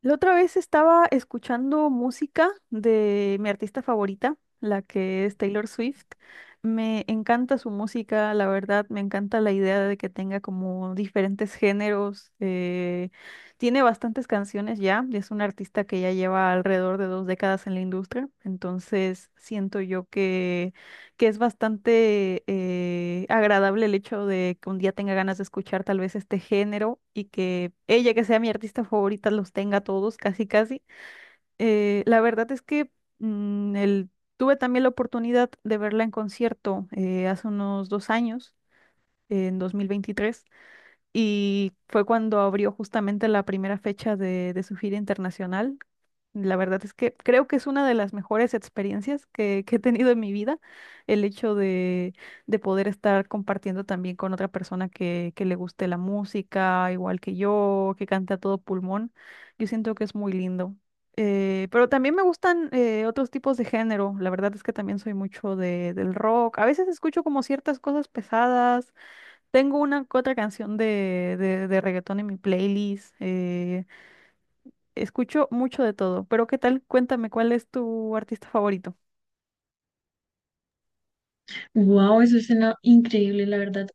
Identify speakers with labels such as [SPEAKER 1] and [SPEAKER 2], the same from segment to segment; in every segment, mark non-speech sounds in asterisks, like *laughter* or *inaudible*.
[SPEAKER 1] La otra vez estaba escuchando música de mi artista favorita, la que es Taylor Swift. Me encanta su música, la verdad, me encanta la idea de que tenga como diferentes géneros. Tiene bastantes canciones ya, y es una artista que ya lleva alrededor de 2 décadas en la industria, entonces siento yo que es bastante agradable el hecho de que un día tenga ganas de escuchar tal vez este género y que ella, que sea mi artista favorita, los tenga todos, casi casi. La verdad es que mm, el- Tuve también la oportunidad de verla en concierto hace unos 2 años, en 2023, y fue cuando abrió justamente la primera fecha de su gira internacional. La verdad es que creo que es una de las mejores experiencias que he tenido en mi vida, el hecho de poder estar compartiendo también con otra persona que le guste la música, igual que yo, que canta a todo pulmón. Yo siento que es muy lindo. Pero también me gustan otros tipos de género. La verdad es que también soy mucho del rock. A veces escucho como ciertas cosas pesadas. Tengo una que otra canción de reggaetón en mi playlist. Escucho mucho de todo, pero ¿qué tal? Cuéntame, ¿cuál es tu artista favorito?
[SPEAKER 2] Wow, eso suena increíble, la verdad.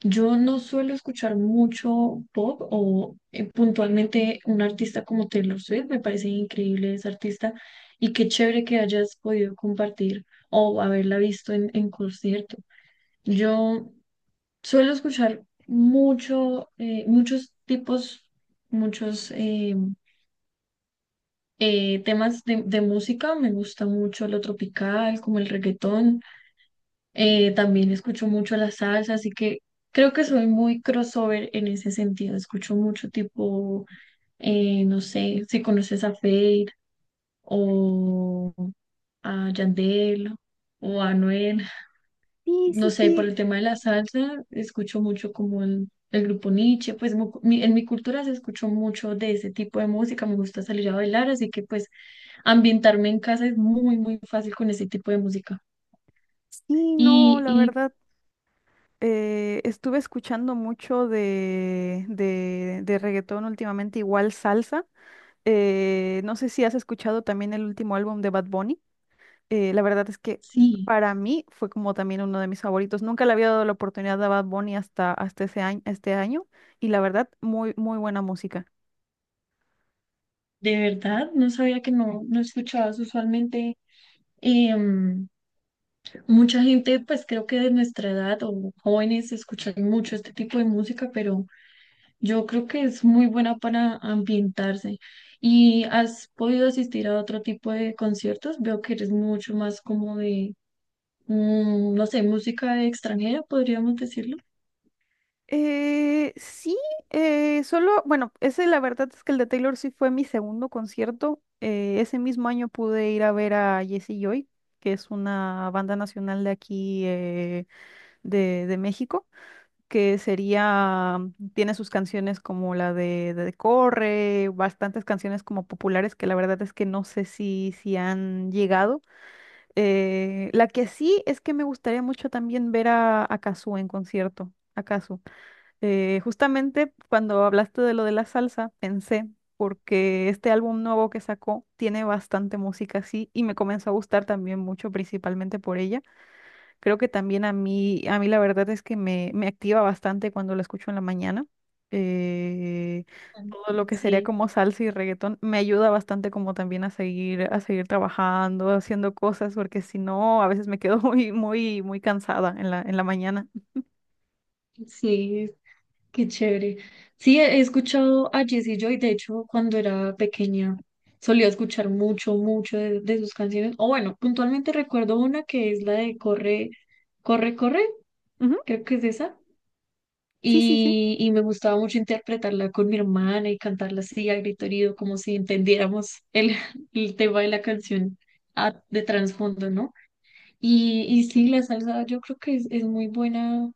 [SPEAKER 2] Yo no suelo escuchar mucho pop o puntualmente un artista como Taylor Swift. Me parece increíble ese artista y qué chévere que hayas podido compartir o haberla visto en concierto. Yo suelo escuchar mucho, muchos tipos, muchos temas de música. Me gusta mucho lo tropical, como el reggaetón. También escucho mucho la salsa, así que creo que soy muy crossover en ese sentido. Escucho mucho tipo, no sé, si conoces a Feid o a Yandel o a Anuel.
[SPEAKER 1] Sí,
[SPEAKER 2] No
[SPEAKER 1] sí,
[SPEAKER 2] sé, por
[SPEAKER 1] sí.
[SPEAKER 2] el tema de la salsa, escucho mucho como el grupo Niche, pues en mi cultura se escuchó mucho de ese tipo de música. Me gusta salir a bailar, así que pues ambientarme en casa es muy, muy fácil con ese tipo de música.
[SPEAKER 1] Sí, no,
[SPEAKER 2] Y,
[SPEAKER 1] la
[SPEAKER 2] y
[SPEAKER 1] verdad, estuve escuchando mucho de reggaetón últimamente, igual salsa. No sé si has escuchado también el último álbum de Bad Bunny. La verdad es que
[SPEAKER 2] sí.
[SPEAKER 1] para mí fue como también uno de mis favoritos. Nunca le había dado la oportunidad a Bad Bunny hasta, hasta ese año, este año, y la verdad, muy, muy buena música.
[SPEAKER 2] De verdad, no sabía que no escuchabas usualmente. em, Mucha gente, pues creo que de nuestra edad o jóvenes, escuchan mucho este tipo de música, pero yo creo que es muy buena para ambientarse. ¿Y has podido asistir a otro tipo de conciertos? Veo que eres mucho más como de, mm, no sé, música extranjera, podríamos decirlo.
[SPEAKER 1] Sí, solo, bueno, ese la verdad es que el de Taylor sí fue mi segundo concierto. Ese mismo año pude ir a ver a Jesse Joy, que es una banda nacional de aquí de México, que sería, tiene sus canciones como la de Corre, bastantes canciones como populares que la verdad es que no sé si, si han llegado. La que sí es que me gustaría mucho también ver a Cazzu en concierto, a Cazzu. Justamente cuando hablaste de lo de la salsa, pensé, porque este álbum nuevo que sacó tiene bastante música así y me comenzó a gustar también mucho, principalmente por ella. Creo que también a mí la verdad es que me activa bastante cuando la escucho en la mañana. Eh, Todo lo que sería
[SPEAKER 2] Sí,
[SPEAKER 1] como salsa y reggaetón me ayuda bastante como también a seguir trabajando, haciendo cosas, porque si no, a veces me quedo *laughs* muy, muy, muy cansada en la mañana.
[SPEAKER 2] sí. Qué chévere. Sí, he escuchado a Jessie Joy. De hecho, cuando era pequeña solía escuchar mucho, mucho de sus canciones. O bueno, puntualmente recuerdo una que es la de Corre, Corre, Corre,
[SPEAKER 1] Ujú,
[SPEAKER 2] creo que es esa.
[SPEAKER 1] sí, sí, sí.
[SPEAKER 2] Y me gustaba mucho interpretarla con mi hermana y cantarla así a grito herido, como si entendiéramos el, *laughs* el tema de la canción de trasfondo, ¿no? Y sí, la salsa yo creo que es muy buena,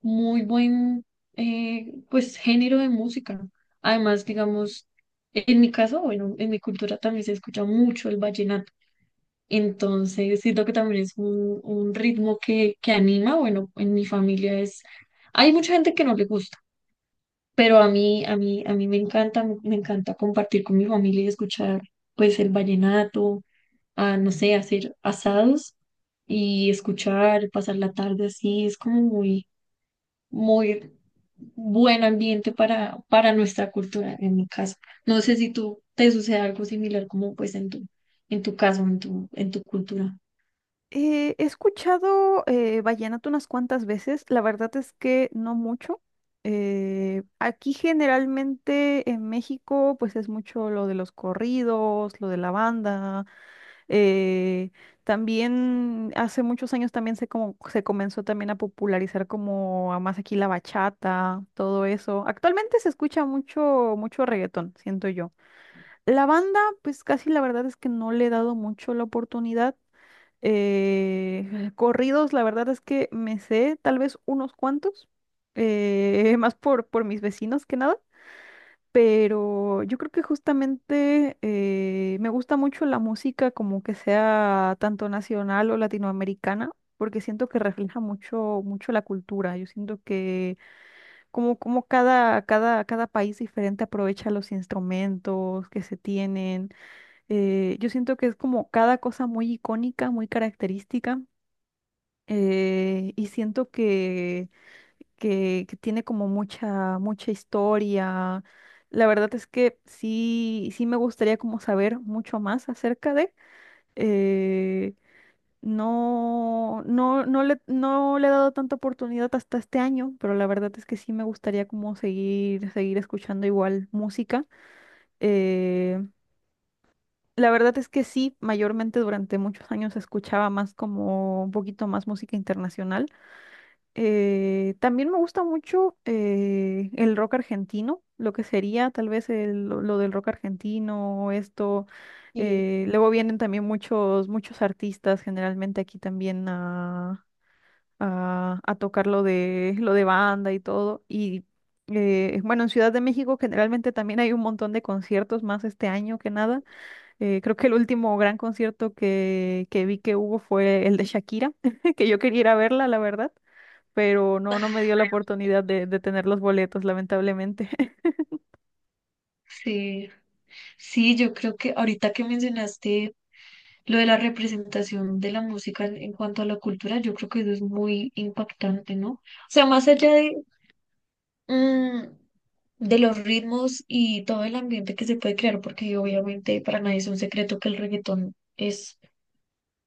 [SPEAKER 2] muy buen pues género de música. Además, digamos, en mi caso, bueno, en mi cultura también se escucha mucho el vallenato. Entonces, siento que también es un ritmo que anima. Bueno, en mi familia es, hay mucha gente que no le gusta, pero a mí, a mí, a mí me encanta, me encanta compartir con mi familia y escuchar pues el vallenato, a, no sé, hacer asados y escuchar, pasar la tarde así. Es como muy, muy buen ambiente para nuestra cultura en mi caso. No sé si tú te sucede algo similar como pues en tu caso, en tu cultura.
[SPEAKER 1] He escuchado vallenato unas cuantas veces, la verdad es que no mucho. Aquí generalmente en México pues es mucho lo de los corridos, lo de la banda. eh, También hace muchos años también se, como, se comenzó también a popularizar como a más aquí la bachata, todo eso. Actualmente se escucha mucho, mucho reggaetón, siento yo. La banda pues casi la verdad es que no le he dado mucho la oportunidad. *laughs* Corridos, la verdad es que me sé tal vez unos cuantos, *laughs* más por mis vecinos que nada, pero yo creo que justamente me gusta mucho la música como que sea tanto nacional o latinoamericana, porque siento que refleja mucho, mucho la cultura. Yo siento que como, como cada, cada, cada país diferente aprovecha los instrumentos que se tienen. Yo siento que es como cada cosa muy icónica, muy característica, y siento que tiene como mucha, mucha historia. La verdad es que sí, sí me gustaría como saber mucho más acerca de. eh, no, no, no le, no le he dado tanta oportunidad hasta este año, pero la verdad es que sí me gustaría como seguir, seguir escuchando igual música. Eh, la verdad es que sí, mayormente durante muchos años escuchaba más como un poquito más música internacional. También me gusta mucho el rock argentino, lo que sería tal vez lo del rock argentino, esto.
[SPEAKER 2] Sí,
[SPEAKER 1] Luego vienen también muchos, muchos artistas generalmente aquí también a tocar lo lo de banda y todo. Y bueno, en Ciudad de México generalmente también hay un montón de conciertos más este año que nada. Creo que el último gran concierto que vi que hubo fue el de Shakira, *laughs* que yo quería ir a verla, la verdad, pero no, no me dio la oportunidad de tener los boletos, lamentablemente. *laughs*
[SPEAKER 2] sí, sí, yo creo que ahorita que mencionaste lo de la representación de la música en cuanto a la cultura, yo creo que eso es muy impactante, ¿no? O sea, más allá de, mm, de los ritmos y todo el ambiente que se puede crear, porque obviamente para nadie es un secreto que el reggaetón es.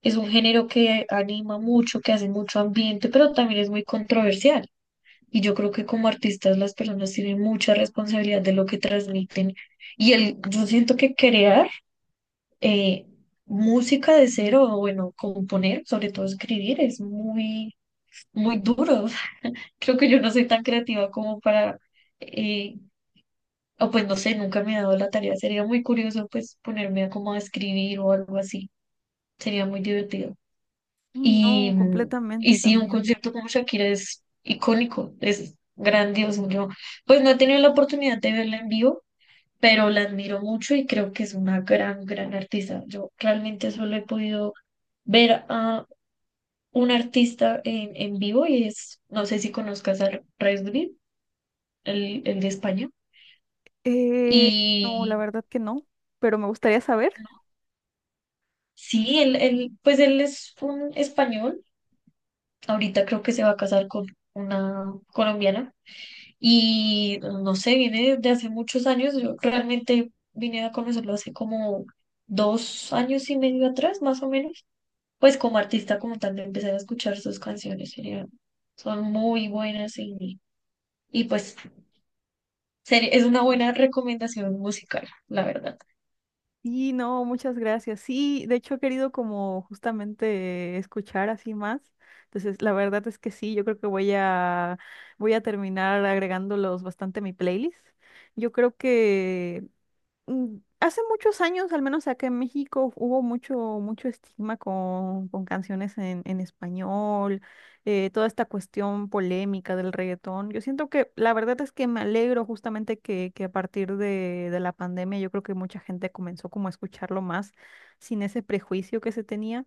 [SPEAKER 2] Es un género que anima mucho, que hace mucho ambiente, pero también es muy controversial. Y yo creo que como artistas, las personas tienen mucha responsabilidad de lo que transmiten. Y el, yo siento que crear eh, música de cero, o bueno, componer, sobre todo escribir, es muy, muy duro. *laughs* Creo que yo no soy tan creativa como para, eh, o pues no sé, nunca me he dado la tarea. Sería muy curioso pues ponerme a como a escribir o algo así. Sería muy divertido.
[SPEAKER 1] Y
[SPEAKER 2] Y,
[SPEAKER 1] no,
[SPEAKER 2] y
[SPEAKER 1] completamente
[SPEAKER 2] sí, un
[SPEAKER 1] también.
[SPEAKER 2] concierto como Shakira es icónico, es grandioso. Yo, pues no he tenido la oportunidad de verla en vivo, pero la admiro mucho y creo que es una gran, gran artista. Yo realmente solo he podido ver a un artista en vivo y es, no sé si conozcas a Resby, el de España.
[SPEAKER 1] Eh, no, la
[SPEAKER 2] Y
[SPEAKER 1] verdad que no, pero me gustaría saber.
[SPEAKER 2] sí, él, pues él es un español. Ahorita creo que se va a casar con una colombiana. Y no sé, viene de hace muchos años. Yo realmente vine a conocerlo hace como 2 años y medio atrás, más o menos. Pues como artista, como tal, empecé a escuchar sus canciones. Son muy buenas y pues es una buena recomendación musical, la verdad.
[SPEAKER 1] Sí, no, muchas gracias. Sí, de hecho he querido como justamente escuchar así más. Entonces, la verdad es que sí, yo creo que voy a terminar agregándolos bastante a mi playlist. Yo creo que hace muchos años, al menos acá en México, hubo mucho, mucho estigma con canciones en español, toda esta cuestión polémica del reggaetón. Yo siento que la verdad es que me alegro justamente que a partir de la pandemia yo creo que mucha gente comenzó como a escucharlo más sin ese prejuicio que se tenía.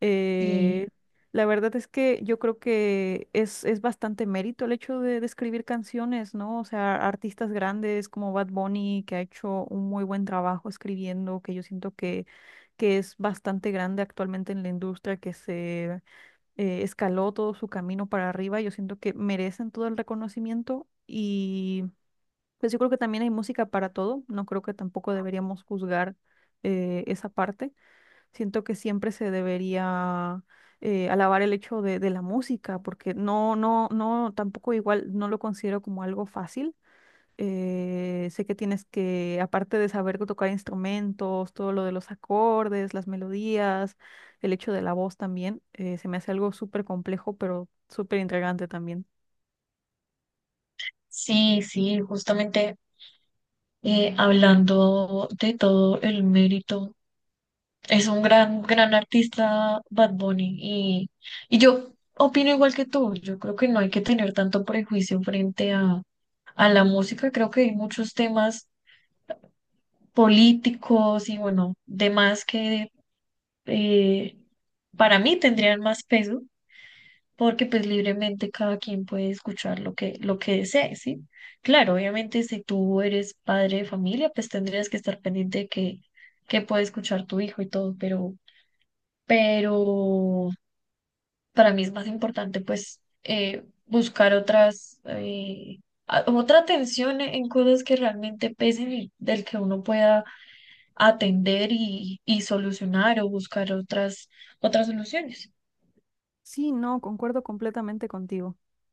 [SPEAKER 1] Eh,
[SPEAKER 2] Y
[SPEAKER 1] la verdad es que yo creo que es bastante mérito el hecho de escribir canciones, ¿no? O sea, artistas grandes como Bad Bunny, que ha hecho un muy buen trabajo escribiendo, que yo siento que es bastante grande actualmente en la industria, que se escaló todo su camino para arriba. Yo siento que merecen todo el reconocimiento y pues yo creo que también hay música para todo. No creo que tampoco deberíamos juzgar esa parte. Siento que siempre se debería alabar el hecho de la música, porque no, no, no, tampoco igual no lo considero como algo fácil. Sé que tienes que, aparte de saber tocar instrumentos, todo lo de los acordes, las melodías, el hecho de la voz también, se me hace algo súper complejo, pero súper intrigante también.
[SPEAKER 2] sí, sí, justamente hablando de todo el mérito, es un gran, gran artista Bad Bunny. Y yo opino igual que tú. Yo creo que no hay que tener tanto prejuicio frente a la música. Creo que hay muchos temas políticos y bueno, demás que eh, para mí tendrían más peso, porque pues libremente cada quien puede escuchar lo que desee, ¿sí? Claro, obviamente si tú eres padre de familia, pues tendrías que estar pendiente de que puede escuchar tu hijo y todo, pero... Pero para mí es más importante pues buscar otras, otra atención en cosas que realmente pesen y del que uno pueda atender y solucionar o buscar otras, otras soluciones.
[SPEAKER 1] Sí, no, concuerdo completamente contigo.